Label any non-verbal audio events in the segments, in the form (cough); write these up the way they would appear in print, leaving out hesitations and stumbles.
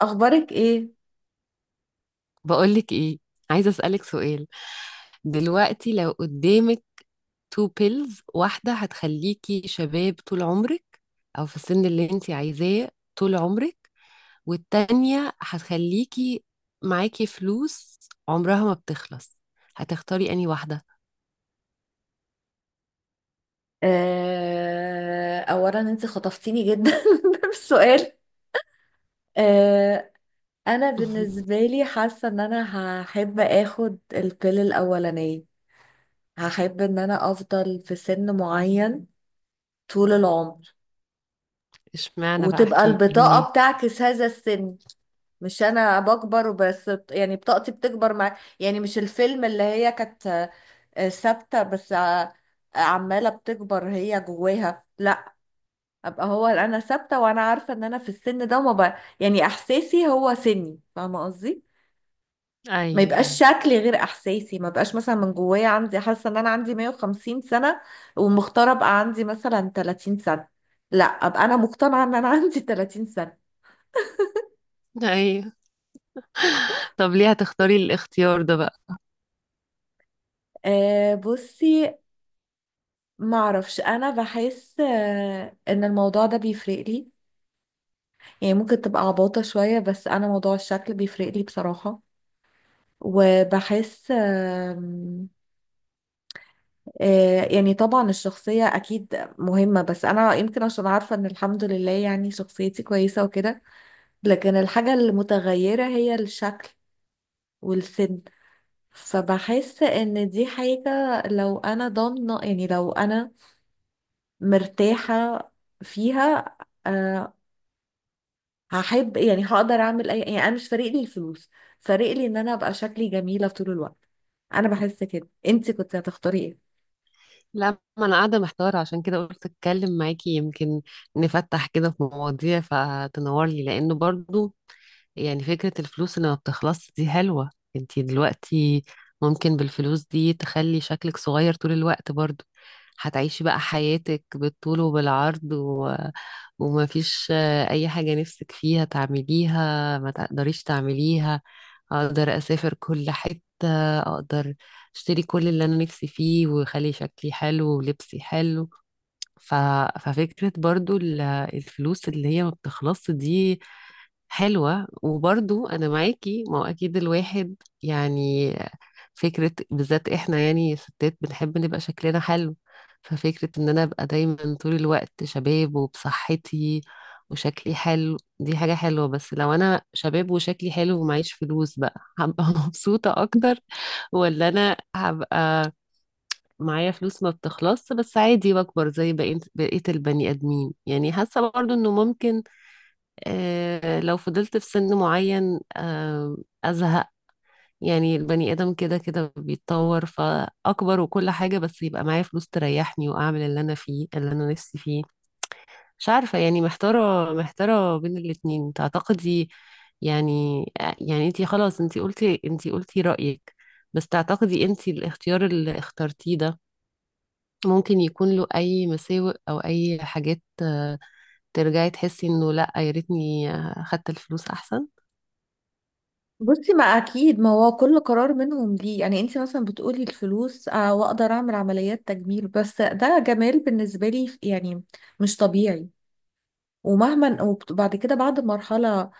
اخبارك ايه؟ بقولك ايه؟ عايزة أسألك سؤال. دلوقتي لو قدامك تو بيلز، واحدة هتخليكي شباب طول عمرك، أو في السن اللي انتي عايزاه طول عمرك، والتانية هتخليكي معاكي فلوس عمرها ما بتخلص. هتختاري أنهي واحدة؟ اولا انت خطفتيني جدا (laughs) بالسؤال. آه، انا بالنسبه (laughs) لي حاسه ان انا هحب اخد البيل الاولانيه. هحب ان انا افضل في سن معين طول العمر، اشمعنى بقى، وتبقى احكيلي البطاقه ليه؟ بتعكس هذا السن، مش انا بكبر بس يعني بطاقتي بتكبر مع، يعني مش الفيلم اللي هي كانت ثابته، بس عماله بتكبر هي جواها. لا، ابقى هو انا ثابته، وانا عارفه ان انا في السن ده ما ب... يعني احساسي هو سني، فاهمه قصدي؟ ما ايوه يبقاش ايوه شكلي غير احساسي. ما بقاش مثلا من جوايا عندي حاسه ان انا عندي 150 سنه ومختاره ابقى عندي مثلا 30 سنه. لا، ابقى انا مقتنعه ان انا (laughs) عندي 30 سنه. ايوه. طب ليه هتختاري الاختيار ده بقى؟ أه بصي، ما اعرفش، انا بحس ان الموضوع ده بيفرق لي. يعني ممكن تبقى عباطه شويه، بس انا موضوع الشكل بيفرق لي بصراحه. وبحس يعني طبعا الشخصية أكيد مهمة، بس أنا يمكن عشان عارفة إن الحمد لله يعني شخصيتي كويسة وكده. لكن الحاجة المتغيرة هي الشكل والسن. فبحس إن دي حاجة، لو أنا ضامنة، يعني لو أنا مرتاحة فيها، أه هحب، يعني هقدر أعمل أي، يعني أنا مش فارق لي الفلوس، فارق لي إن أنا أبقى شكلي جميلة طول الوقت. أنا بحس كده، أنتي كنت هتختاري إيه؟ لا، ما انا قاعده محتاره، عشان كده قلت اتكلم معاكي، يمكن نفتح كده في مواضيع فتنور لي، لانه برضو يعني فكرة الفلوس اللي ما بتخلص دي حلوة. انتي دلوقتي ممكن بالفلوس دي تخلي شكلك صغير طول الوقت، برضو هتعيشي بقى حياتك بالطول وبالعرض ومفيش أي حاجة نفسك فيها تعمليها ما تقدريش تعمليها. أقدر أسافر كل حتة، أقدر أشتري كل اللي أنا نفسي فيه، ويخلي شكلي حلو ولبسي حلو. ف... ففكرة برضو الفلوس اللي هي ما بتخلص دي حلوة. وبرضو أنا معاكي، ما هو أكيد الواحد يعني، فكرة بالذات إحنا يعني ستات بنحب نبقى شكلنا حلو. ففكرة إن أنا أبقى دايما طول الوقت شباب وبصحتي وشكلي حلو دي حاجة حلوة، بس لو أنا شباب وشكلي حلو ومعيش فلوس بقى هبقى (laughs) مبسوطة أكتر، ولا أنا هبقى معايا فلوس ما بتخلص بس عادي بكبر زي بقية البني آدمين. يعني حاسة برضو إنه ممكن لو فضلت في سن معين أزهق. يعني البني آدم كده كده بيتطور فأكبر وكل حاجة، بس يبقى معايا فلوس تريحني وأعمل اللي أنا فيه اللي أنا نفسي فيه. مش عارفة يعني، محتارة بين الاتنين، تعتقدي يعني؟ يعني انتي خلاص، انتي قلتي رأيك، بس تعتقدي انتي الاختيار اللي اخترتيه ده ممكن يكون له أي مساوئ أو أي حاجات ترجعي تحسي إنه لأ، يا ريتني خدت الفلوس أحسن؟ بصي، ما اكيد، ما هو كل قرار منهم ليه. يعني انت مثلا بتقولي الفلوس واقدر اعمل عمليات تجميل، بس ده جمال بالنسبه لي يعني مش طبيعي. ومهما، وبعد كده، بعد مرحله،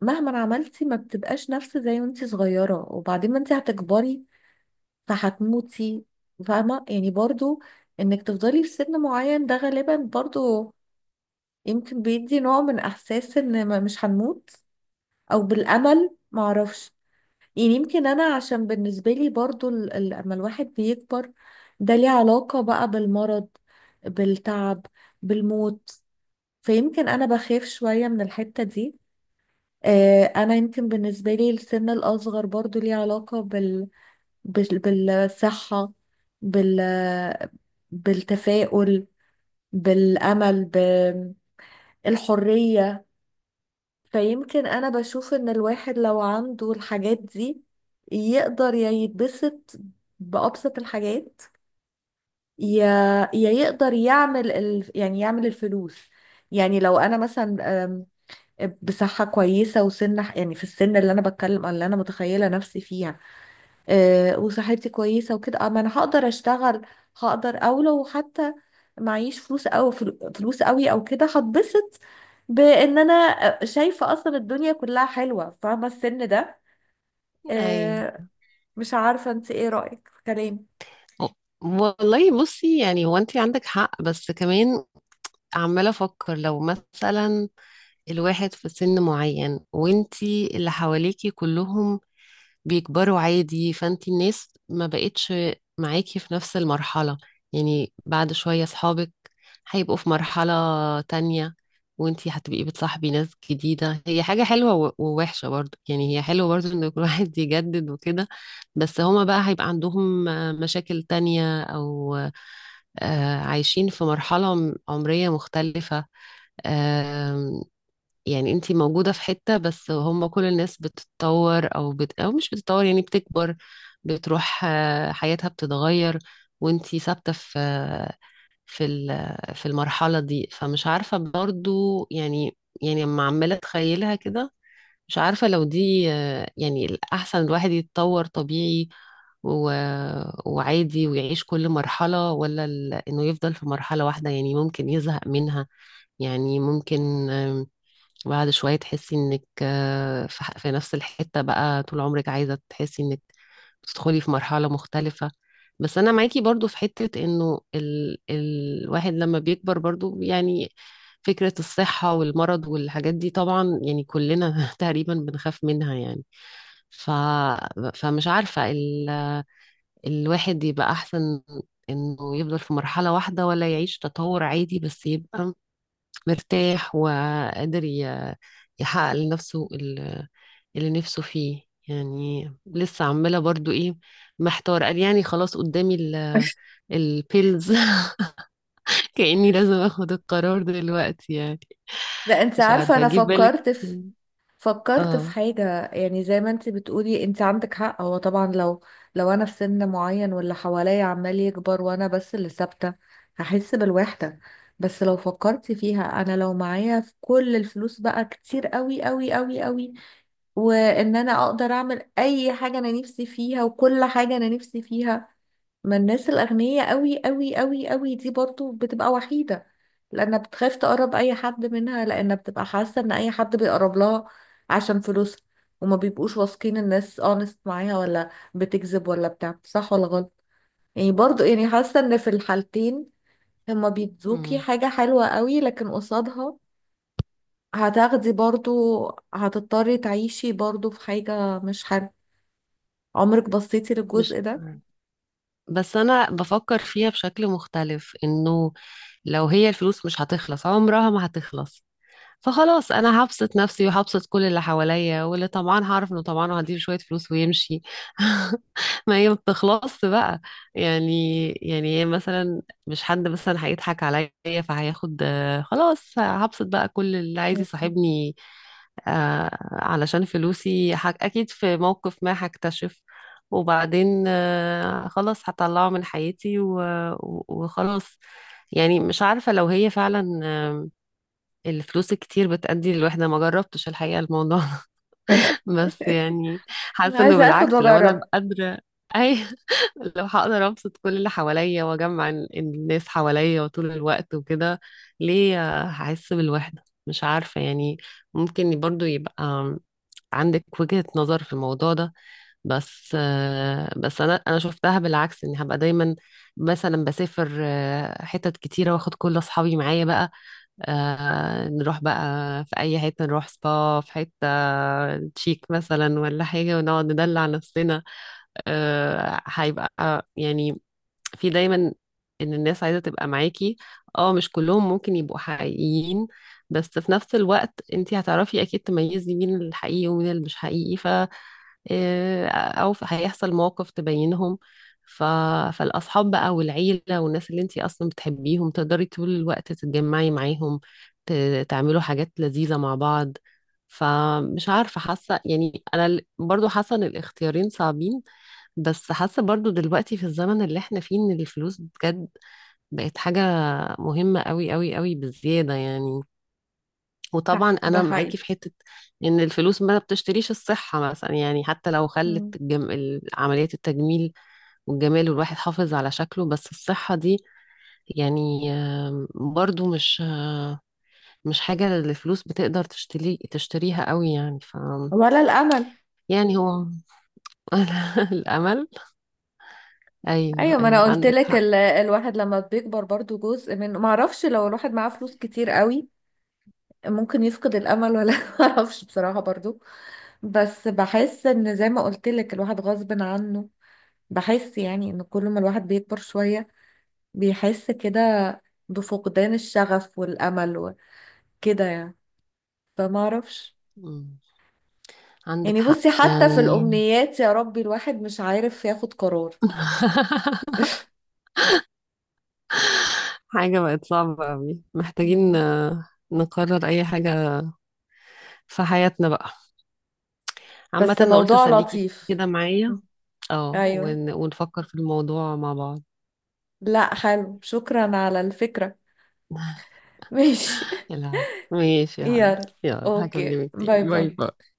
مهما عملتي ما بتبقاش نفس زي وانت صغيره، وبعدين ما انت هتكبري فهتموتي. فاهمه يعني؟ برضو انك تفضلي في سن معين، ده غالبا برضو يمكن بيدي نوع من احساس ان مش هنموت، او بالامل، معرفش. يعني يمكن انا عشان بالنسبه لي برضو لما الواحد بيكبر، ده ليه علاقه بقى بالمرض، بالتعب، بالموت. فيمكن انا بخاف شويه من الحته دي. انا يمكن بالنسبه لي السن الاصغر برضو ليه علاقه بالصحه، بال... بالتفاؤل، بالامل، بالحريه. فيمكن انا بشوف ان الواحد لو عنده الحاجات دي يقدر يا يتبسط بأبسط الحاجات، يا يقدر يعمل يعني يعمل الفلوس. يعني لو انا مثلا بصحة كويسة وسن، يعني في السن اللي انا بتكلم، اللي انا متخيلة نفسي فيها، وصحتي كويسة وكده، اه ما انا هقدر اشتغل، هقدر. او لو حتى معيش فلوس، او فلوس قوي او كده، هتبسط بان انا شايفة اصلا الدنيا كلها حلوة، فاهمة السن ده؟ ايوه آه، مش عارفة انت ايه رأيك في كلامي؟ والله. بصي، يعني هو انت عندك حق، بس كمان عمالة افكر، لو مثلا الواحد في سن معين وانت اللي حواليكي كلهم بيكبروا عادي، فانت الناس ما بقتش معاكي في نفس المرحلة. يعني بعد شوية صحابك هيبقوا في مرحلة تانية، وانتي هتبقي بتصاحبي ناس جديدة. هي حاجة حلوة ووحشة برضو، يعني هي حلوة برضو ان كل (laughs) واحد يجدد وكده، بس هما بقى هيبقى عندهم مشاكل تانية او عايشين في مرحلة عمرية مختلفة. يعني انت موجودة في حتة، بس هم كل الناس بتتطور او او مش بتتطور، يعني بتكبر، بتروح حياتها بتتغير، وانت ثابتة في في في المرحلة دي. فمش عارفة برضو يعني، يعني لما عمالة اتخيلها كده، مش عارفة لو دي يعني الأحسن الواحد يتطور طبيعي و... وعادي ويعيش كل مرحلة، ولا إنه يفضل في مرحلة واحدة يعني ممكن يزهق منها. يعني ممكن وبعد شوية تحسي انك في في نفس الحتة بقى طول عمرك، عايزة تحسي انك بتدخلي في مرحلة مختلفة. بس انا معاكي برضو في حتة انه الواحد لما بيكبر برضو يعني، فكرة الصحة والمرض والحاجات دي طبعا يعني كلنا (laughs) تقريبا بنخاف منها يعني. ف... فمش عارفة الواحد يبقى احسن انه يفضل في مرحلة واحدة، ولا يعيش تطور عادي بس يبقى مرتاح وقادر يحقق لنفسه اللي نفسه فيه. يعني لسه عمالة برضو ايه، محتار قال، يعني خلاص قدامي البيلز (laughs) كأني لازم اخد القرار دلوقتي يعني. ده انت مش عارفة عارفة انا جه في بالك؟ فكرت في، فكرت في اه. حاجة، يعني زي ما انت بتقولي، انت عندك حق. هو طبعا لو، لو انا في سن معين واللي حواليا عمال يكبر وانا بس اللي ثابتة، هحس بالوحدة. بس لو فكرتي فيها، انا لو معايا في كل الفلوس بقى كتير قوي قوي قوي قوي، وان انا اقدر اعمل اي حاجة انا نفسي فيها وكل حاجة انا نفسي فيها. ما الناس الأغنياء قوي قوي قوي قوي دي برضو بتبقى وحيدة، لأنها بتخاف تقرب أي حد منها، لأنها بتبقى حاسة إن أي حد بيقرب لها عشان فلوسها، وما بيبقوش واثقين الناس اونست معاها ولا بتكذب ولا بتاع، صح ولا غلط؟ يعني برضو، يعني حاسة إن في الحالتين هما بيدوكي مم. حاجة حلوة قوي، لكن قصادها هتاخدي برضو، هتضطري تعيشي برضو في حاجة مش حلوة. عمرك بصيتي مش للجزء ده؟ عارفة. بس انا بفكر فيها بشكل مختلف، انه لو هي الفلوس مش هتخلص، عمرها ما هتخلص، فخلاص انا هبسط نفسي وهبسط كل اللي حواليا، واللي طمعان هعرف انه طمعان وهديله شويه فلوس ويمشي. (laughs) ما هي ما بتخلصش بقى. يعني يعني هي مثلا، مش حد مثلا هيضحك عليا فهياخد خلاص هبسط بقى كل اللي عايز يصاحبني علشان فلوسي. اكيد في موقف ما هكتشف، وبعدين خلاص هطلعه من حياتي وخلاص. يعني مش عارفة لو هي فعلا الفلوس الكتير بتأدي للوحدة، ما جربتش الحقيقة الموضوع. (laughs) (laughs) بس يعني حاسة انه عايزة اخد بالعكس لو انا واجرب. قادرة، اي (laughs) لو هقدر ابسط كل اللي حواليا واجمع الناس حواليا وطول الوقت وكده، ليه هحس بالوحدة؟ مش عارفة يعني. ممكن برضو يبقى عندك وجهة نظر في الموضوع ده، بس بس انا شفتها بالعكس، اني هبقى دايما مثلا بسافر حتت كتيرة واخد كل اصحابي معايا بقى، آه نروح بقى في أي حتة، نروح سبا في حتة تشيك مثلا ولا حاجة، ونقعد ندلع نفسنا. آه هيبقى يعني في دايما إن الناس عايزة تبقى معاكي. اه، مش كلهم ممكن يبقوا حقيقيين، بس في نفس الوقت انتي هتعرفي أكيد تميزي مين الحقيقي ومين اللي مش حقيقي. إيه، او هيحصل موقف تبينهم. ف... فالاصحاب بقى والعيله والناس اللي انتي اصلا بتحبيهم تقدري طول الوقت تتجمعي معاهم، ت... تعملوا حاجات لذيذه مع بعض. فمش عارفه، حاسه يعني انا برضو حاسه ان الاختيارين صعبين، بس حاسه برضو دلوقتي في الزمن اللي احنا فيه ان الفلوس بجد بقت حاجه مهمه قوي قوي قوي بالزياده يعني. وطبعا صح، ده انا معاكي حقيقي. في حته ان الفلوس ما بتشتريش الصحه مثلا، يعني حتى لو خلت مم. عمليات التجميل والجمال والواحد حافظ على شكله، بس الصحه دي يعني برضو مش حاجه الفلوس بتقدر تشتريها قوي يعني، ف ولا الامل. يعني هو (laughs) الامل، ايوه ايوه، ما ايوه انا قلت عندك لك حق. الواحد لما بيكبر برضو جزء من، ما اعرفش، لو الواحد معاه فلوس كتير قوي ممكن يفقد الامل، ولا (laughs) ما اعرفش بصراحه برضو. بس بحس ان زي ما قلت لك الواحد غصب عنه، بحس يعني ان كل ما الواحد بيكبر شويه، بيحس كده بفقدان الشغف والامل وكده يعني، فما اعرفش. مم. عندك يعني حق بصي، حتى في يعني. الامنيات، يا ربي، الواحد مش عارف ياخد قرار. (laughs) حاجه بقت صعبه قوي، (laughs) محتاجين مم. نقرر اي حاجه في حياتنا بقى. عامة بس انا قلت موضوع اسليكي لطيف. كده معايا، اه ايوه، ونفكر في الموضوع مع بعض. لا حلو، شكرا على الفكرة. (laughs) (laughs) ماشي. يلا، ماشي يا حبيبتي، يلا، يلا اوكي، هكلمك باي تاني، باي باي. باي.